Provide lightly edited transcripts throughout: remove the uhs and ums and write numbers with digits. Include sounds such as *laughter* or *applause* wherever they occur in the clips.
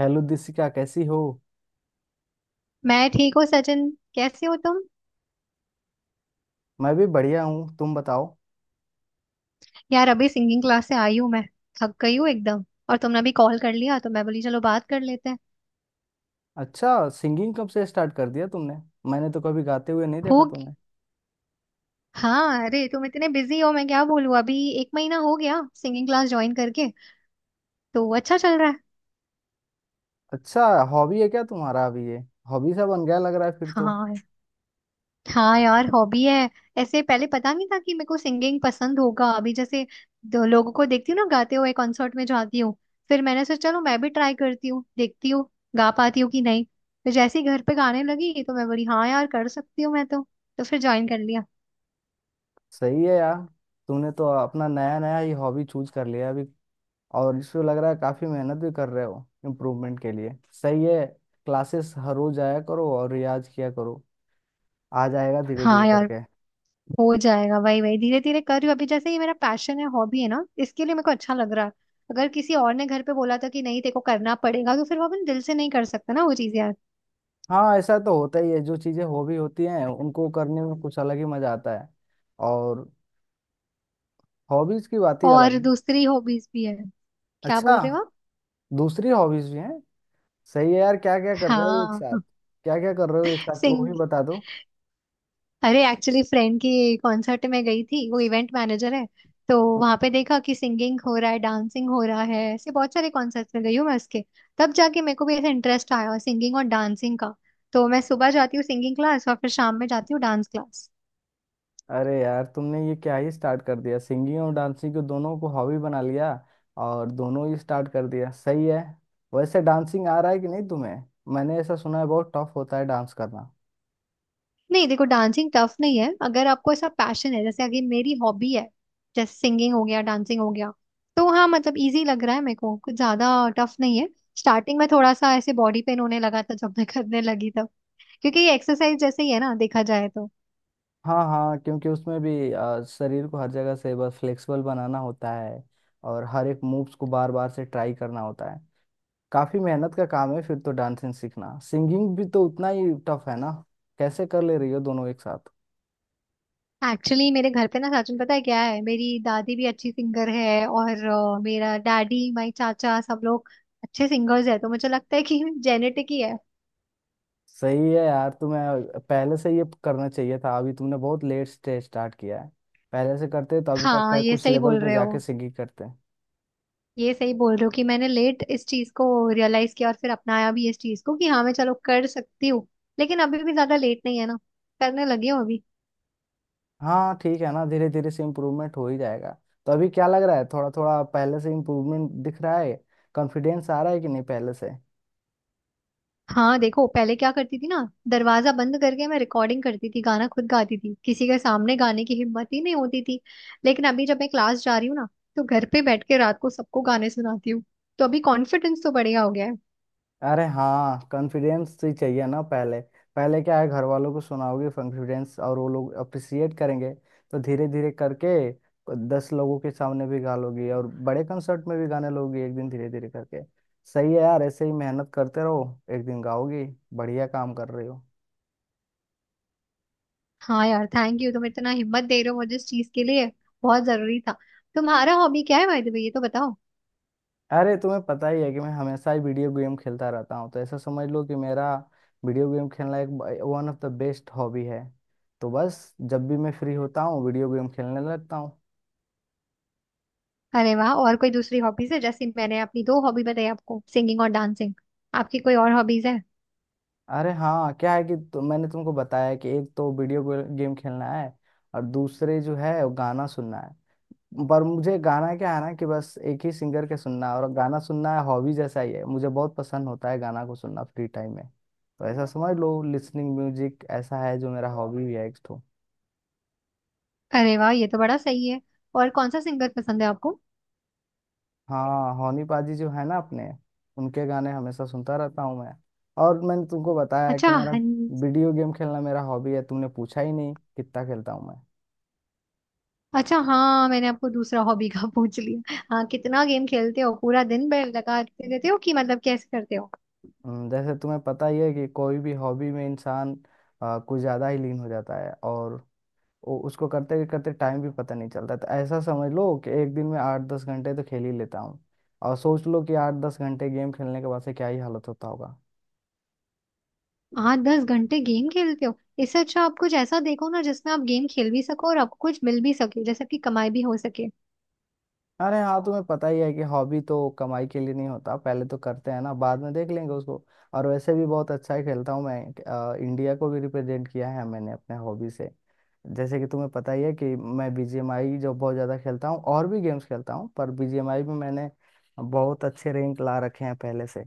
Hello Disika कैसी हो। मैं ठीक हूँ सचिन। कैसे हो तुम? मैं भी बढ़िया हूँ, तुम बताओ। यार अभी सिंगिंग क्लास से आई हूँ मैं। थक गई हूँ एकदम। और तुमने भी कॉल कर लिया तो मैं बोली चलो बात कर लेते हैं। अच्छा, सिंगिंग कब से स्टार्ट कर दिया तुमने। मैंने तो कभी गाते हुए नहीं देखा हो ग- तुम्हें। हाँ अरे तुम इतने बिजी हो मैं क्या बोलूँ। अभी एक महीना हो गया सिंगिंग क्लास ज्वाइन करके। तो अच्छा चल रहा है। अच्छा, हॉबी है क्या तुम्हारा अभी ये। हॉबी सा बन गया लग रहा है फिर तो। हाँ। हाँ यार हॉबी है। ऐसे पहले पता नहीं था कि मेरे को सिंगिंग पसंद होगा। अभी जैसे दो लोगों को देखती हूँ ना गाते हुए, कॉन्सर्ट में जाती हूँ। फिर मैंने सोचा चलो मैं भी ट्राई करती हूँ, देखती हूँ गा पाती हूँ कि नहीं। फिर जैसे ही घर पे गाने लगी तो मैं बोली हाँ यार कर सकती हूँ मैं तो। तो फिर ज्वाइन कर लिया। सही है यार, तुमने तो अपना नया नया ही हॉबी चूज कर लिया अभी। और इसमें लग रहा है काफी मेहनत भी कर रहे हो इम्प्रूवमेंट के लिए। सही है। क्लासेस हर रोज आया करो और रियाज किया करो। आ जाएगा धीरे धीरे हाँ यार करके। हो जाएगा। वही वही धीरे धीरे कर रही हूँ अभी। जैसे ये मेरा पैशन है, हॉबी है ना, इसके लिए मेरे को अच्छा लग रहा है। अगर किसी और ने घर पे बोला था कि नहीं तेरे को करना पड़ेगा तो फिर वो अपन दिल से नहीं कर सकता ना वो चीज यार। हाँ, ऐसा तो होता ही है, जो चीजें हॉबी होती हैं उनको करने में कुछ अलग ही मजा आता है। और हॉबीज की बात ही अलग और है। दूसरी हॉबीज भी है। क्या अच्छा, बोल रहे हो आप? दूसरी हॉबीज भी हैं। सही है यार, क्या क्या कर रहे हो एक हाँ। साथ। क्या क्या कर रहे हो एक साथ वो भी सिंग। बता दो। अरे एक्चुअली फ्रेंड की कॉन्सर्ट में गई थी, वो इवेंट मैनेजर है। तो वहां पे देखा कि सिंगिंग हो रहा है, डांसिंग हो रहा है। ऐसे बहुत सारे कॉन्सर्ट्स में गई हूँ मैं उसके। तब जाके मेरे को भी ऐसा इंटरेस्ट आया सिंगिंग और डांसिंग का। तो मैं सुबह जाती हूँ सिंगिंग क्लास और फिर शाम में जाती हूँ डांस क्लास। अरे यार, तुमने ये क्या ही स्टार्ट कर दिया, सिंगिंग और डांसिंग को दोनों को हॉबी बना लिया। और दोनों ही स्टार्ट कर दिया, सही है। वैसे डांसिंग आ रहा है कि नहीं तुम्हें। मैंने ऐसा सुना है बहुत टफ होता है डांस करना। नहीं, देखो डांसिंग टफ नहीं है। अगर आपको ऐसा पैशन है, जैसे अगर मेरी हॉबी है, जैसे सिंगिंग हो गया, डांसिंग हो गया, तो हाँ मतलब इजी लग रहा है मेरे को कुछ ज्यादा। टफ नहीं है। स्टार्टिंग में थोड़ा सा ऐसे बॉडी पेन होने लगा था जब मैं करने लगी तब। क्योंकि ये एक्सरसाइज जैसे ही है ना देखा जाए तो। हाँ हाँ, क्योंकि उसमें भी शरीर को हर जगह से बस फ्लेक्सिबल बनाना होता है। और हर एक मूव्स को बार बार से ट्राई करना होता है। काफी मेहनत का काम है फिर तो डांसिंग सीखना, सिंगिंग भी तो उतना ही टफ है ना। कैसे कर ले रही हो दोनों एक साथ। एक्चुअली मेरे घर पे ना सचिन, पता है क्या है, मेरी दादी भी अच्छी सिंगर है और मेरा डैडी, माई चाचा, सब लोग अच्छे सिंगर्स है। तो मुझे लगता है कि जेनेटिक ही है। सही है यार, तुम्हें पहले से ये करना चाहिए था, अभी तुमने बहुत लेट स्टेज स्टार्ट किया है। पहले से करते तो अभी तक हाँ का ये कुछ सही लेवल बोल पे रहे जाके हो। सिंगिंग करते। ये सही बोल रहे हो कि मैंने लेट इस चीज को रियलाइज किया और फिर अपनाया भी इस चीज को कि हाँ मैं चलो कर सकती हूँ। लेकिन अभी भी ज्यादा लेट नहीं है ना। करने लगी हूँ अभी। हाँ ठीक है ना, धीरे धीरे से इम्प्रूवमेंट हो ही जाएगा। तो अभी क्या लग रहा है, थोड़ा थोड़ा पहले से इम्प्रूवमेंट दिख रहा है। कॉन्फिडेंस आ रहा है कि नहीं पहले से। हाँ देखो पहले क्या करती थी ना, दरवाजा बंद करके मैं रिकॉर्डिंग करती थी, गाना खुद गाती थी, किसी के सामने गाने की हिम्मत ही नहीं होती थी। लेकिन अभी जब मैं क्लास जा रही हूँ ना तो घर पे बैठ के रात को सबको गाने सुनाती हूँ। तो अभी कॉन्फिडेंस तो बढ़िया हो गया है। अरे हाँ, कॉन्फिडेंस ही चाहिए ना पहले। पहले क्या है, घर वालों को सुनाओगे, कॉन्फिडेंस और वो लोग अप्रिसिएट करेंगे। तो धीरे धीरे करके 10 लोगों के सामने भी गा लोगी और बड़े कंसर्ट में भी गाने लोगी एक दिन, धीरे धीरे करके। सही है यार, ऐसे ही मेहनत करते रहो। एक दिन गाओगी। बढ़िया काम कर रही हो। हाँ यार थैंक यू, तुम इतना हिम्मत दे रहे हो मुझे इस चीज के लिए। बहुत जरूरी था। तुम्हारा हॉबी क्या है बाय द वे, ये तो बताओ। अरे तुम्हें पता ही है कि मैं हमेशा ही वीडियो गेम खेलता रहता हूँ, तो ऐसा समझ लो कि मेरा वीडियो गेम खेलना एक one of the best hobby है। तो बस जब भी मैं फ्री होता हूँ वीडियो गेम खेलने लगता हूँ। अरे वाह। और कोई दूसरी हॉबीज है? जैसे मैंने अपनी दो हॉबी बताई आपको, सिंगिंग और डांसिंग। आपकी कोई और हॉबीज है? अरे हाँ, क्या है कि तो मैंने तुमको बताया है कि एक तो वीडियो गेम खेलना है। और दूसरे जो है वो गाना सुनना है। पर मुझे गाना क्या है ना कि बस एक ही सिंगर के सुनना है, और गाना सुनना है हॉबी जैसा ही है, मुझे बहुत पसंद होता है गाना को सुनना फ्री टाइम में। तो ऐसा समझ लो लिसनिंग म्यूजिक ऐसा है जो मेरा हॉबी भी है एक तो। अरे वाह, ये तो बड़ा सही है। और कौन सा सिंगर पसंद है आपको? हाँ, हौनी पाजी जो है ना अपने, उनके गाने हमेशा सुनता रहता हूँ मैं। और मैंने तुमको बताया है अच्छा कि मेरा हन... वीडियो गेम खेलना मेरा हॉबी है, तुमने पूछा ही नहीं कितना खेलता हूँ मैं। अच्छा हाँ मैंने आपको दूसरा हॉबी का *laughs* पूछ लिया। हाँ कितना गेम खेलते हो? पूरा दिन बैल लगाते रहते हो कि मतलब कैसे करते हो? जैसे तुम्हें पता ही है कि कोई भी हॉबी में इंसान कुछ ज़्यादा ही लीन हो जाता है, और उसको करते करते टाइम भी पता नहीं चलता, तो ऐसा समझ लो कि एक दिन में 8-10 घंटे तो खेल ही लेता हूँ। और सोच लो कि 8-10 घंटे गेम खेलने के बाद से क्या ही हालत होता होगा। हाँ दस घंटे गेम खेलते हो। इससे अच्छा आप कुछ ऐसा देखो ना जिसमें आप गेम खेल भी सको और आपको कुछ मिल भी सके, जैसे आपकी कमाई भी हो सके। अरे हाँ, तुम्हें पता ही है कि हॉबी तो कमाई के लिए नहीं होता, पहले तो करते हैं ना, बाद में देख लेंगे उसको। और वैसे भी बहुत अच्छा ही खेलता हूँ मैं। इंडिया को भी रिप्रेजेंट किया है मैंने अपने हॉबी से। जैसे कि तुम्हें पता ही है कि मैं बीजीएमआई जो बहुत ज़्यादा खेलता हूँ, और भी गेम्स खेलता हूँ, पर बीजीएमआई में मैंने बहुत अच्छे रैंक ला रखे हैं पहले से।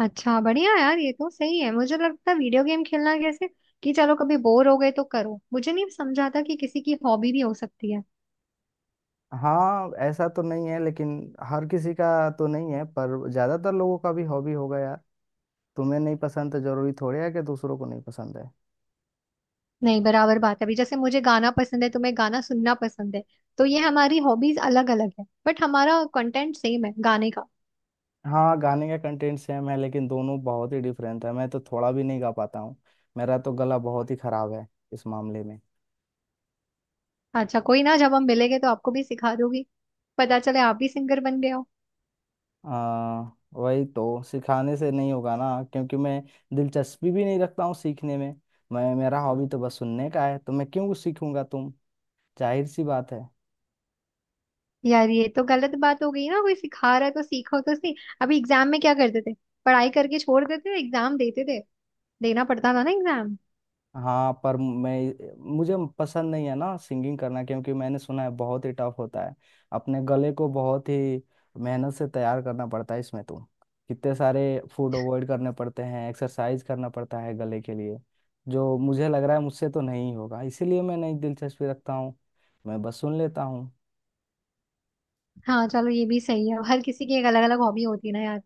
अच्छा बढ़िया यार, ये तो सही है। मुझे लगता है वीडियो गेम खेलना कैसे कि चलो कभी बोर हो गए तो करो। मुझे नहीं समझा था कि किसी की हॉबी भी हो सकती है। हाँ ऐसा तो नहीं है, लेकिन हर किसी का तो नहीं है पर ज़्यादातर लोगों का भी हॉबी होगा यार। तुम्हें नहीं पसंद तो जरूरी थोड़ी है कि दूसरों को नहीं पसंद है। नहीं बराबर बात है। अभी जैसे मुझे गाना पसंद है, तुम्हें गाना सुनना पसंद है। तो ये हमारी हॉबीज अलग अलग है बट हमारा कंटेंट सेम है गाने का। हाँ, गाने का कंटेंट सेम है लेकिन दोनों बहुत ही डिफरेंट है, मैं तो थोड़ा भी नहीं गा पाता हूँ। मेरा तो गला बहुत ही खराब है इस मामले में। अच्छा कोई ना, जब हम मिलेंगे तो आपको भी सिखा दोगी। पता चले आप भी सिंगर बन गए हो। आ, वही तो सिखाने से नहीं होगा ना, क्योंकि मैं दिलचस्पी भी नहीं रखता हूँ सीखने में। मैं, मेरा हॉबी तो बस सुनने का है, तो मैं क्यों सीखूंगा तुम। जाहिर सी बात है। यार ये तो गलत बात हो गई ना, कोई सिखा रहा है तो सीखो तो सही। अभी एग्जाम में क्या करते थे? पढ़ाई करके छोड़ देते थे, एग्जाम देते थे। देना पड़ता था ना एग्जाम। हाँ पर मैं, मुझे पसंद नहीं है ना सिंगिंग करना, क्योंकि मैंने सुना है बहुत ही टफ होता है। अपने गले को बहुत ही मेहनत से तैयार करना पड़ता है इसमें तो। कितने सारे फूड अवॉइड करने पड़ते हैं, एक्सरसाइज करना पड़ता है गले के लिए। जो मुझे लग रहा है मुझसे तो नहीं होगा, इसीलिए मैं नहीं दिलचस्पी रखता हूँ। मैं बस सुन लेता हूँ। हाँ चलो ये भी सही है, हर किसी की एक अलग अलग हॉबी होती है ना यार।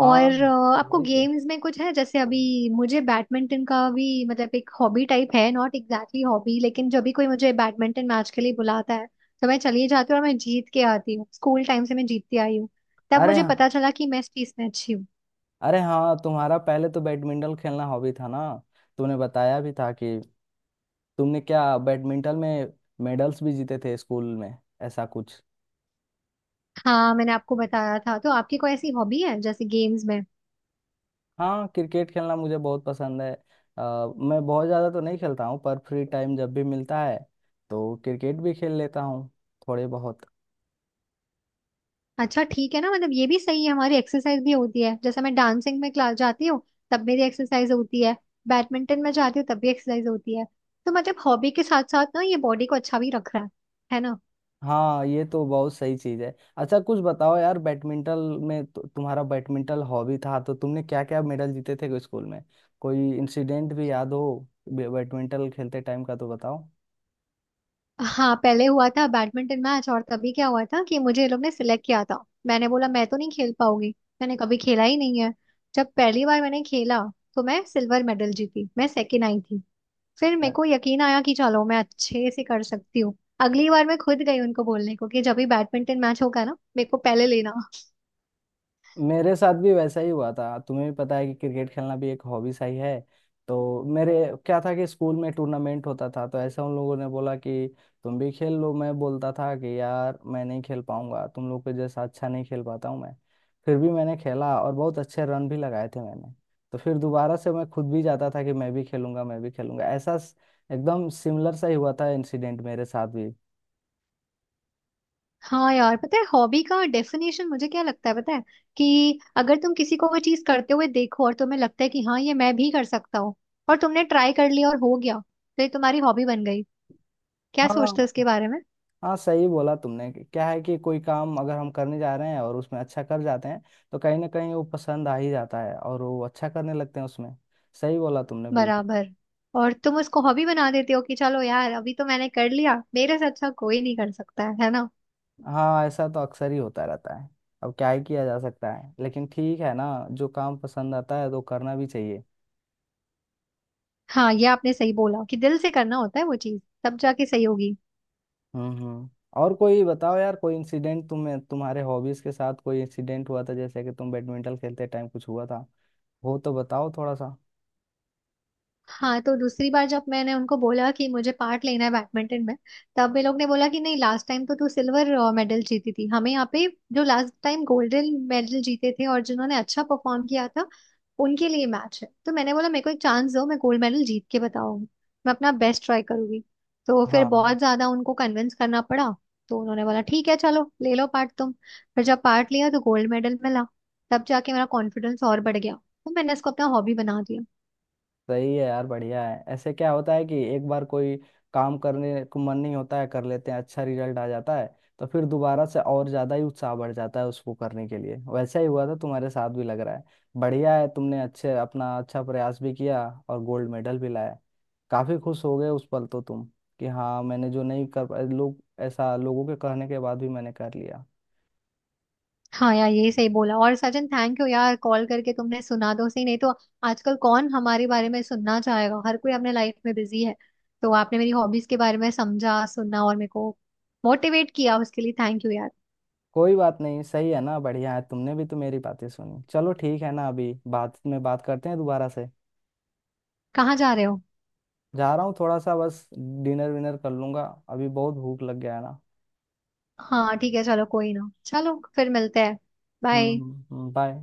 हाँ, और आपको वही तो। गेम्स में कुछ है जैसे अभी? मुझे बैडमिंटन का भी मतलब एक हॉबी टाइप है, नॉट एग्जैक्टली हॉबी, लेकिन जब भी कोई मुझे बैडमिंटन मैच के लिए बुलाता है तो मैं चली जाती हूँ और मैं जीत के आती हूँ। स्कूल टाइम से मैं जीतती आई हूँ। तब अरे मुझे हाँ, पता चला कि मैं इस चीज में अच्छी हूँ। अरे हाँ, तुम्हारा पहले तो बैडमिंटन खेलना हॉबी था ना। तुमने बताया भी था कि तुमने क्या बैडमिंटन में मेडल्स भी जीते थे स्कूल में ऐसा कुछ। हाँ मैंने आपको बताया था। तो आपकी कोई ऐसी हॉबी है जैसे गेम्स में? हाँ, क्रिकेट खेलना मुझे बहुत पसंद है। मैं बहुत ज़्यादा तो नहीं खेलता हूँ, पर फ्री टाइम जब भी मिलता है तो क्रिकेट भी खेल लेता हूँ थोड़े बहुत। अच्छा ठीक है ना, मतलब ये भी सही है, हमारी एक्सरसाइज भी होती है। जैसे मैं डांसिंग में क्लास जाती हूँ तब मेरी एक्सरसाइज होती है। बैडमिंटन में जाती हूँ तब भी एक्सरसाइज होती है। तो मतलब हॉबी के साथ साथ ना ये बॉडी को अच्छा भी रख रहा है। है ना? हाँ, ये तो बहुत सही चीज है। अच्छा कुछ बताओ यार, बैडमिंटन में तुम्हारा बैडमिंटन हॉबी था तो तुमने क्या क्या मेडल जीते थे स्कूल में। कोई इंसिडेंट भी याद हो, बैडमिंटन खेलते टाइम का तो बताओ। हाँ पहले हुआ था बैडमिंटन मैच और तभी क्या हुआ था कि मुझे ये लोग ने सिलेक्ट किया था। मैंने बोला मैं तो नहीं खेल पाऊंगी, मैंने कभी खेला ही नहीं है। जब पहली बार मैंने खेला तो मैं सिल्वर मेडल जीती, मैं सेकेंड आई थी। फिर मेरे को यकीन आया कि चलो मैं अच्छे से कर सकती हूँ। अगली बार मैं खुद गई उनको बोलने को कि जब भी बैडमिंटन मैच होगा ना मेरे को पहले लेना। मेरे साथ भी वैसा ही हुआ था, तुम्हें भी पता है कि क्रिकेट खेलना भी एक हॉबी सा ही है। तो मेरे क्या था कि स्कूल में टूर्नामेंट होता था, तो ऐसा उन लोगों ने बोला कि तुम भी खेल लो, मैं बोलता था कि यार मैं नहीं खेल पाऊंगा, तुम लोग के जैसा अच्छा नहीं खेल पाता हूँ मैं। फिर भी मैंने खेला और बहुत अच्छे रन भी लगाए थे मैंने। तो फिर दोबारा से मैं खुद भी जाता था कि मैं भी खेलूंगा, मैं भी खेलूंगा, एकदम सिमिलर सा ही हुआ था इंसिडेंट मेरे साथ भी। हाँ यार पता है हॉबी का डेफिनेशन मुझे क्या लगता है पता है? कि अगर तुम किसी को वो चीज करते हुए देखो और तुम्हें लगता है कि हाँ ये मैं भी कर सकता हूँ, और तुमने ट्राई कर लिया और हो गया, तो ये तुम्हारी हॉबी बन गई। क्या हाँ सोचते हो इसके बारे में? हाँ, सही बोला तुमने क्या है कि कोई काम अगर हम करने जा रहे हैं और उसमें अच्छा कर जाते हैं, तो कहीं ना कहीं वो पसंद आ ही जाता है और वो अच्छा करने लगते हैं उसमें। सही बोला तुमने बिल्कुल। बराबर। और तुम उसको हॉबी बना देते हो कि चलो यार अभी तो मैंने कर लिया, मेरे से अच्छा कोई नहीं कर सकता है। है ना? हाँ ऐसा तो अक्सर ही होता रहता है। अब क्या ही किया जा सकता है, लेकिन ठीक है ना, जो काम पसंद आता है तो करना भी चाहिए। हाँ ये आपने सही बोला कि दिल से करना होता है वो चीज, तब जाके सही होगी। हम्म। और कोई बताओ यार, कोई इंसिडेंट तुम्हें, तुम्हारे हॉबीज के साथ कोई इंसिडेंट हुआ था, जैसे कि तुम बैडमिंटन खेलते टाइम कुछ हुआ था वो तो बताओ थोड़ा सा। हाँ तो दूसरी बार जब मैंने उनको बोला कि मुझे पार्ट लेना है बैडमिंटन में, तब वे लोग ने बोला कि नहीं लास्ट टाइम तो तू सिल्वर मेडल जीती थी हमें यहाँ पे। जो लास्ट टाइम गोल्डन मेडल जीते थे और जिन्होंने अच्छा परफॉर्म किया था उनके लिए मैच है। तो मैंने बोला मेरे को एक चांस दो, मैं गोल्ड मेडल जीत के बताऊंगी, मैं अपना बेस्ट ट्राई करूंगी। तो फिर हाँ बहुत ज्यादा उनको कन्विंस करना पड़ा। तो उन्होंने बोला ठीक है चलो ले लो पार्ट तुम। फिर जब पार्ट लिया तो गोल्ड मेडल मिला। तब जाके मेरा कॉन्फिडेंस और बढ़ गया, तो मैंने इसको अपना हॉबी बना दिया। सही है यार, बढ़िया है। ऐसे क्या होता है कि एक बार कोई काम करने को मन नहीं होता है, कर लेते हैं, अच्छा रिजल्ट आ जाता है, तो फिर दोबारा से और ज्यादा ही उत्साह बढ़ जाता है उसको करने के लिए। वैसा ही हुआ था तुम्हारे साथ भी लग रहा है। बढ़िया है, तुमने अच्छे अपना अच्छा प्रयास भी किया और गोल्ड मेडल भी लाया। काफी खुश हो गए उस पल तो तुम, कि हाँ, मैंने जो नहीं कर पाए लोग, ऐसा लोगों के कहने के बाद भी मैंने कर लिया। हाँ यार यही सही बोला। और सचिन थैंक यू यार, कॉल करके तुमने सुना दो सही, नहीं तो आजकल कौन हमारे बारे में सुनना चाहेगा, हर कोई अपने लाइफ में बिजी है। तो आपने मेरी हॉबीज के बारे में समझा, सुना और मेरे को मोटिवेट किया उसके लिए थैंक यू यार। कोई बात नहीं, सही है ना, बढ़िया है, तुमने भी तो मेरी बातें सुनी। चलो ठीक है ना, अभी बात में बात करते हैं दोबारा से। कहाँ जा रहे हो? जा रहा हूँ थोड़ा सा बस, डिनर विनर कर लूंगा। अभी बहुत भूख लग गया है ना। हाँ ठीक है चलो कोई ना, चलो फिर मिलते हैं। बाय। हम्म, बाय।